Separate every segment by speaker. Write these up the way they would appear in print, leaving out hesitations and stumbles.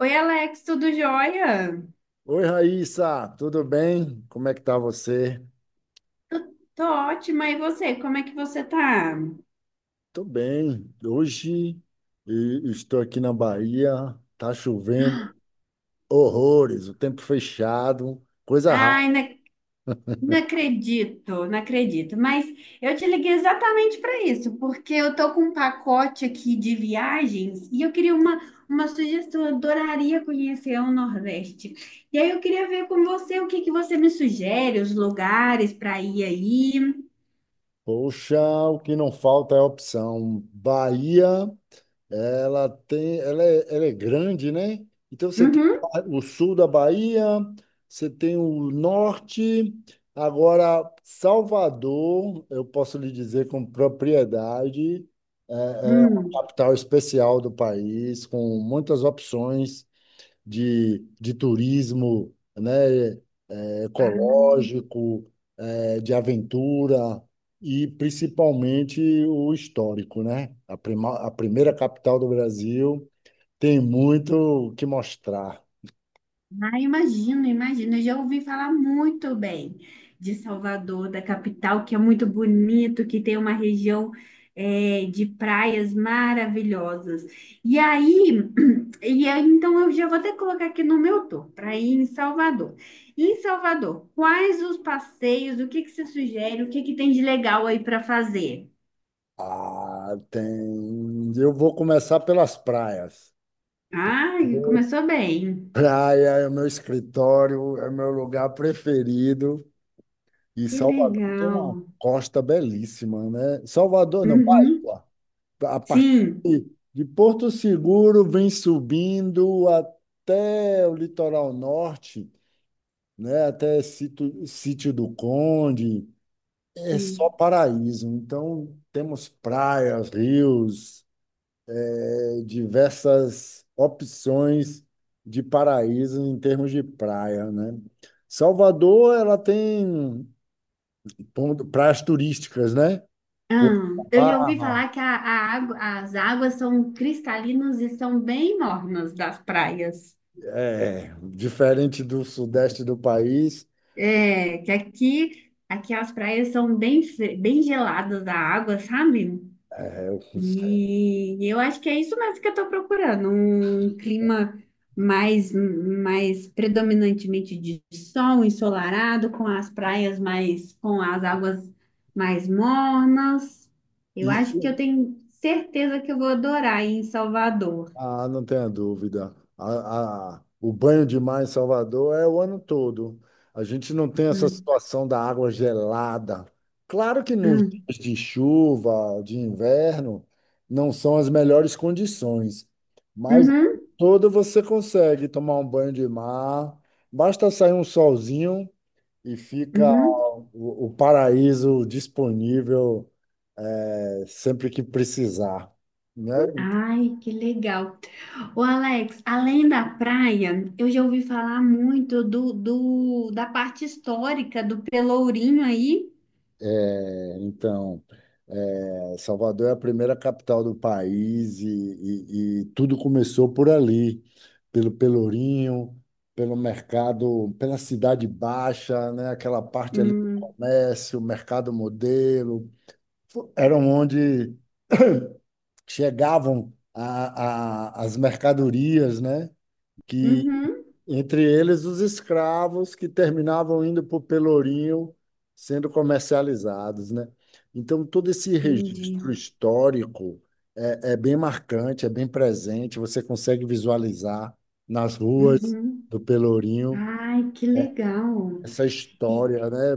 Speaker 1: Oi, Alex, tudo jóia?
Speaker 2: Oi, Raíssa, tudo bem? Como é que tá você?
Speaker 1: Tô ótima, e você? Como é que você tá?
Speaker 2: Tô bem. Hoje estou aqui na Bahia, tá chovendo horrores, o tempo fechado, coisa rara.
Speaker 1: Ai, não acredito, não acredito. Mas eu te liguei exatamente para isso, porque eu tô com um pacote aqui de viagens e eu queria uma sugestão. Eu adoraria conhecer o Nordeste. E aí eu queria ver com você o que que você me sugere, os lugares para ir aí.
Speaker 2: Poxa, o que não falta é opção. Bahia. Ela tem, ela é grande, né? Então você tem
Speaker 1: Uhum.
Speaker 2: o sul da Bahia, você tem o norte. Agora, Salvador, eu posso lhe dizer com propriedade, é, é uma
Speaker 1: Hum.
Speaker 2: capital especial do país, com muitas opções de turismo, né? É, é
Speaker 1: Ah.
Speaker 2: ecológico, é, de aventura e principalmente o histórico, né? A primeira capital do Brasil. Tem muito o que mostrar.
Speaker 1: Ah, imagino, imagino. Eu já ouvi falar muito bem de Salvador, da capital, que é muito bonito, que tem uma região de praias maravilhosas. E aí, e aí, então eu já vou até colocar aqui no meu tour para ir em Salvador. E em Salvador, quais os passeios? O que que você sugere? O que que tem de legal aí para fazer?
Speaker 2: Ah, tem. Eu vou começar pelas praias.
Speaker 1: Ah, começou bem.
Speaker 2: Praia é o meu escritório, é o meu lugar preferido. E
Speaker 1: Que
Speaker 2: Salvador tem
Speaker 1: legal.
Speaker 2: uma costa belíssima, né? Salvador, não,
Speaker 1: Uhum,
Speaker 2: Bahia. A partir
Speaker 1: sim.
Speaker 2: de Porto Seguro vem subindo até o litoral norte, né? Até Sítio, Sítio do Conde. É só paraíso. Então, temos praias, rios, diversas opções de paraíso em termos de praia, né? Salvador, ela tem praias turísticas, né?
Speaker 1: Ah,
Speaker 2: Porto da
Speaker 1: eu já ouvi
Speaker 2: Barra,
Speaker 1: falar que as águas são cristalinas e são bem mornas das praias.
Speaker 2: é, diferente do sudeste do país,
Speaker 1: É, que aqui, aqui as praias são bem, bem geladas da água, sabe? E eu acho que é isso mesmo que eu estou procurando, um clima mais, mais predominantemente de sol, ensolarado, com as praias mais, com as águas mais mornas. Eu
Speaker 2: isso.
Speaker 1: acho que eu tenho certeza que eu vou adorar aí em Salvador.
Speaker 2: Ah, não tenha dúvida. O banho de mar em Salvador é o ano todo. A gente não tem essa
Speaker 1: Hum,
Speaker 2: situação da água gelada. Claro que nos
Speaker 1: hum.
Speaker 2: dias de chuva, de inverno, não são as melhores condições, mas o
Speaker 1: Uhum,
Speaker 2: ano todo você consegue tomar um banho de mar. Basta sair um solzinho e fica
Speaker 1: uhum.
Speaker 2: o paraíso disponível, sempre que precisar, né?
Speaker 1: Ai, que legal. Ô Alex, além da praia, eu já ouvi falar muito da parte histórica do Pelourinho aí.
Speaker 2: Então, é, Salvador é a primeira capital do país e e tudo começou por ali, pelo Pelourinho, pelo mercado, pela Cidade Baixa, né? Aquela parte ali do
Speaker 1: Hum,
Speaker 2: comércio, mercado modelo, eram onde chegavam as mercadorias, né?
Speaker 1: uhum,
Speaker 2: Entre eles, os escravos que terminavam indo para o Pelourinho sendo comercializados, né? Então, todo esse
Speaker 1: entendi.
Speaker 2: registro histórico é bem marcante, é bem presente, você consegue visualizar nas ruas
Speaker 1: Uhum.
Speaker 2: do Pelourinho
Speaker 1: Ai, que legal.
Speaker 2: essa história,
Speaker 1: E,
Speaker 2: né,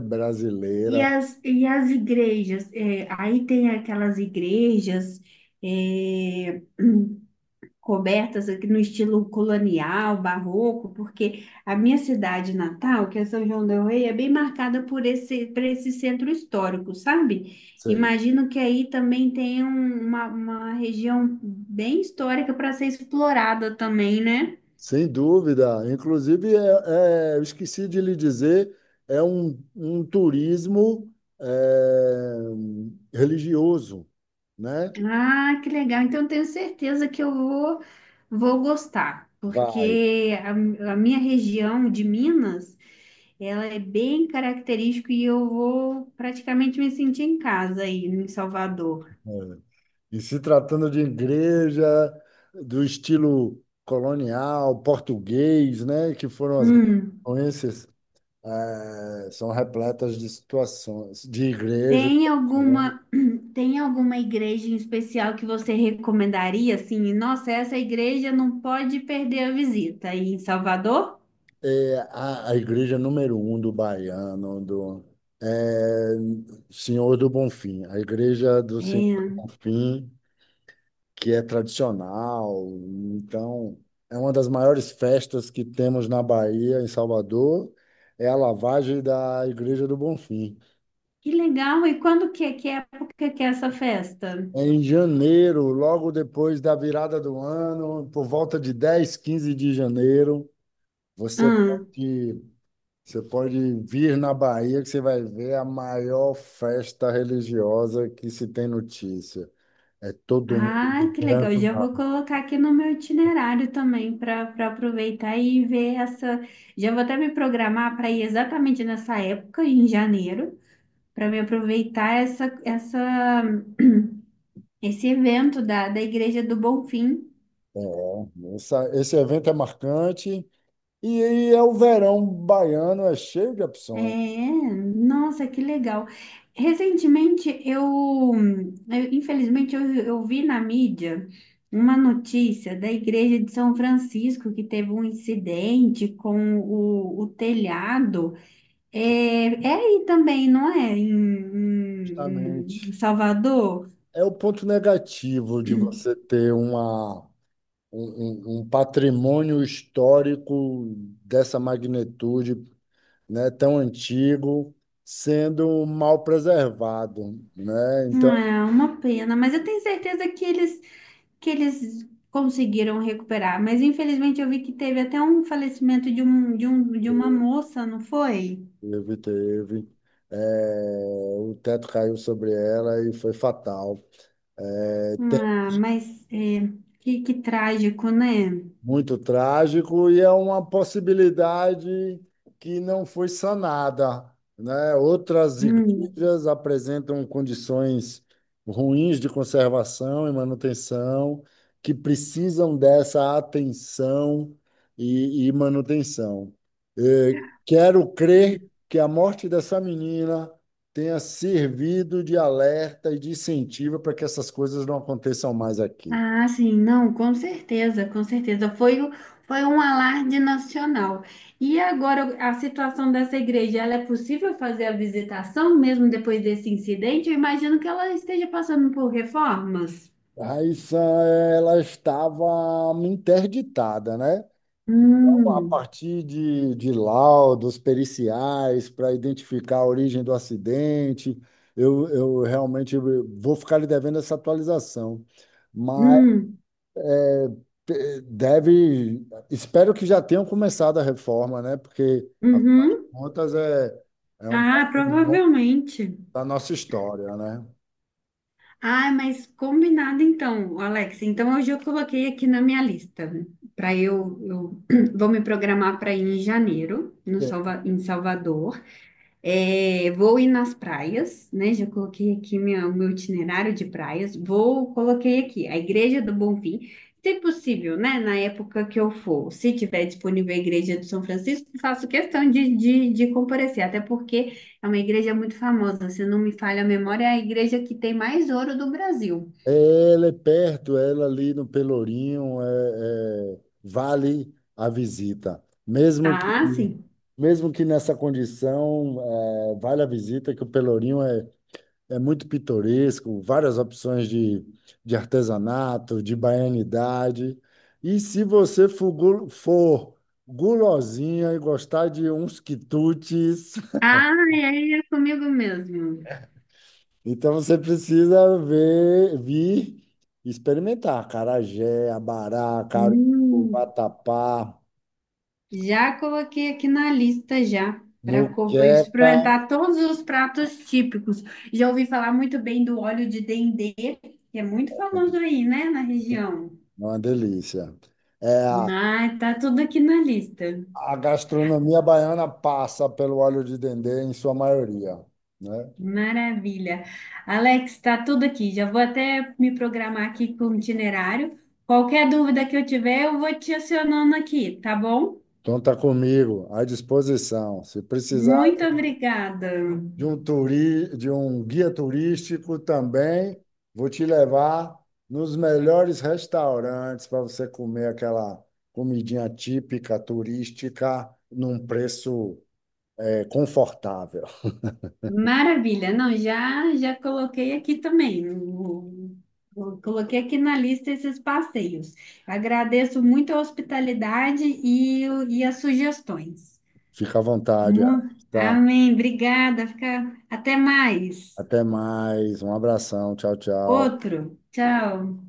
Speaker 1: e,
Speaker 2: brasileira.
Speaker 1: e as igrejas? Aí tem aquelas igrejas, é, cobertas aqui no estilo colonial, barroco, porque a minha cidade natal, que é São João del Rei, é bem marcada por por esse centro histórico, sabe?
Speaker 2: Sim.
Speaker 1: Imagino que aí também tem um, uma região bem histórica para ser explorada também, né?
Speaker 2: Sem dúvida. Inclusive, eu esqueci de lhe dizer, é um, um turismo é, religioso, né?
Speaker 1: Ah, que legal. Então, eu tenho certeza que eu vou gostar,
Speaker 2: Vai.
Speaker 1: porque a minha região de Minas, ela é bem característica e eu vou praticamente me sentir em casa aí em Salvador.
Speaker 2: É. E se tratando de igreja do estilo colonial, português, né, que foram as grandes
Speaker 1: Hum,
Speaker 2: influências, são repletas de situações, de igrejas.
Speaker 1: tem alguma, tem alguma igreja em especial que você recomendaria, assim? Nossa, essa igreja não pode perder a visita aí em Salvador?
Speaker 2: É a igreja número um do baiano, do eh, Senhor do Bonfim, a igreja do Senhor do
Speaker 1: É,
Speaker 2: Bonfim, que é tradicional. Então, é uma das maiores festas que temos na Bahia, em Salvador, é a lavagem da Igreja do Bonfim.
Speaker 1: que legal. E quando que época que é essa festa?
Speaker 2: É em janeiro, logo depois da virada do ano, por volta de 10, 15 de janeiro, você
Speaker 1: Hum.
Speaker 2: pode, você pode vir na Bahia que você vai ver a maior festa religiosa que se tem notícia. É todo mundo de
Speaker 1: Ah, que legal.
Speaker 2: branco
Speaker 1: Já
Speaker 2: na,
Speaker 1: vou colocar aqui no meu itinerário também para para aproveitar e ver essa. Já vou até me programar para ir exatamente nessa época, em janeiro, para me aproveitar esse evento da Igreja do Bonfim.
Speaker 2: é, esse evento é marcante. E aí é o verão baiano, é cheio de opções,
Speaker 1: É, nossa, que legal. Recentemente eu, Infelizmente, eu vi na mídia uma notícia da Igreja de São Francisco que teve um incidente com o telhado. É, é aí também, não é? Em
Speaker 2: justamente.
Speaker 1: Salvador?
Speaker 2: É o ponto negativo de você ter uma, um patrimônio histórico dessa magnitude, né, tão antigo, sendo mal preservado, né? Então,
Speaker 1: É uma pena, mas eu tenho certeza que eles conseguiram recuperar. Mas infelizmente eu vi que teve até um falecimento de uma moça, não foi?
Speaker 2: teve, teve. É, o teto caiu sobre ela e foi fatal. É,
Speaker 1: Ah, mas é, que trágico, né?
Speaker 2: muito trágico, e é uma possibilidade que não foi sanada, né? Outras igrejas apresentam condições ruins de conservação e manutenção que precisam dessa atenção e manutenção. Eh, Quero crer
Speaker 1: Hum.
Speaker 2: que a morte dessa menina tenha servido de alerta e de incentivo para que essas coisas não aconteçam mais aqui.
Speaker 1: Ah, sim, não, com certeza, com certeza. Foi um alarde nacional. E agora, a situação dessa igreja, ela é possível fazer a visitação mesmo depois desse incidente? Eu imagino que ela esteja passando por reformas.
Speaker 2: Raíssa, ela estava interditada, né? A
Speaker 1: Hum,
Speaker 2: partir de laudos periciais para identificar a origem do acidente, eu realmente vou ficar lhe devendo essa atualização. Mas
Speaker 1: hum,
Speaker 2: deve, espero que já tenham começado a reforma, né? Porque, afinal de
Speaker 1: uhum.
Speaker 2: contas, é, é um
Speaker 1: Ah,
Speaker 2: pouco
Speaker 1: provavelmente.
Speaker 2: da nossa história, né?
Speaker 1: Ah, mas combinado então, Alex. Então, hoje eu coloquei aqui na minha lista. Para eu vou me programar para ir em janeiro, no Salva, em Salvador. É, vou ir nas praias, né? Já coloquei aqui o meu itinerário de praias. Vou, coloquei aqui a Igreja do Bonfim, se possível, né? Na época que eu for, se tiver disponível a Igreja do São Francisco, faço questão de comparecer, até porque é uma igreja muito famosa. Se não me falha a memória, é a igreja que tem mais ouro do Brasil.
Speaker 2: É, ela é perto, ela é ali no Pelourinho, é, é, vale a visita.
Speaker 1: Ah, sim.
Speaker 2: Mesmo que nessa condição, é, vale a visita, que o Pelourinho é, é muito pitoresco, várias opções de artesanato, de baianidade. E se você for, for gulosinha e gostar de uns quitutes.
Speaker 1: Ah, é é comigo mesmo.
Speaker 2: Então você precisa ver, vir e experimentar acarajé, abará, caruru,
Speaker 1: Hum.
Speaker 2: vatapá,
Speaker 1: Já coloquei aqui na lista já para
Speaker 2: moqueca, é
Speaker 1: experimentar todos os pratos típicos. Já ouvi falar muito bem do óleo de dendê, que é muito famoso aí, né, na região.
Speaker 2: uma delícia. É,
Speaker 1: Ah, tá tudo aqui na lista.
Speaker 2: a gastronomia baiana passa pelo óleo de dendê em sua maioria, né?
Speaker 1: Maravilha. Alex, tá tudo aqui. Já vou até me programar aqui com o itinerário. Qualquer dúvida que eu tiver, eu vou te acionando aqui, tá bom?
Speaker 2: Conta comigo, à disposição. Se precisar
Speaker 1: Muito obrigada.
Speaker 2: de um, de um guia turístico também. Vou te levar nos melhores restaurantes para você comer aquela comidinha típica turística num preço, é, confortável.
Speaker 1: Maravilha. Não, já já coloquei aqui também. Coloquei aqui na lista esses passeios. Agradeço muito a hospitalidade e as sugestões.
Speaker 2: Fica à vontade,
Speaker 1: Mu-
Speaker 2: tá?
Speaker 1: Amém. Obrigada. Fica... Até mais.
Speaker 2: Até mais. Um abração. Tchau, tchau.
Speaker 1: Outro. Tchau.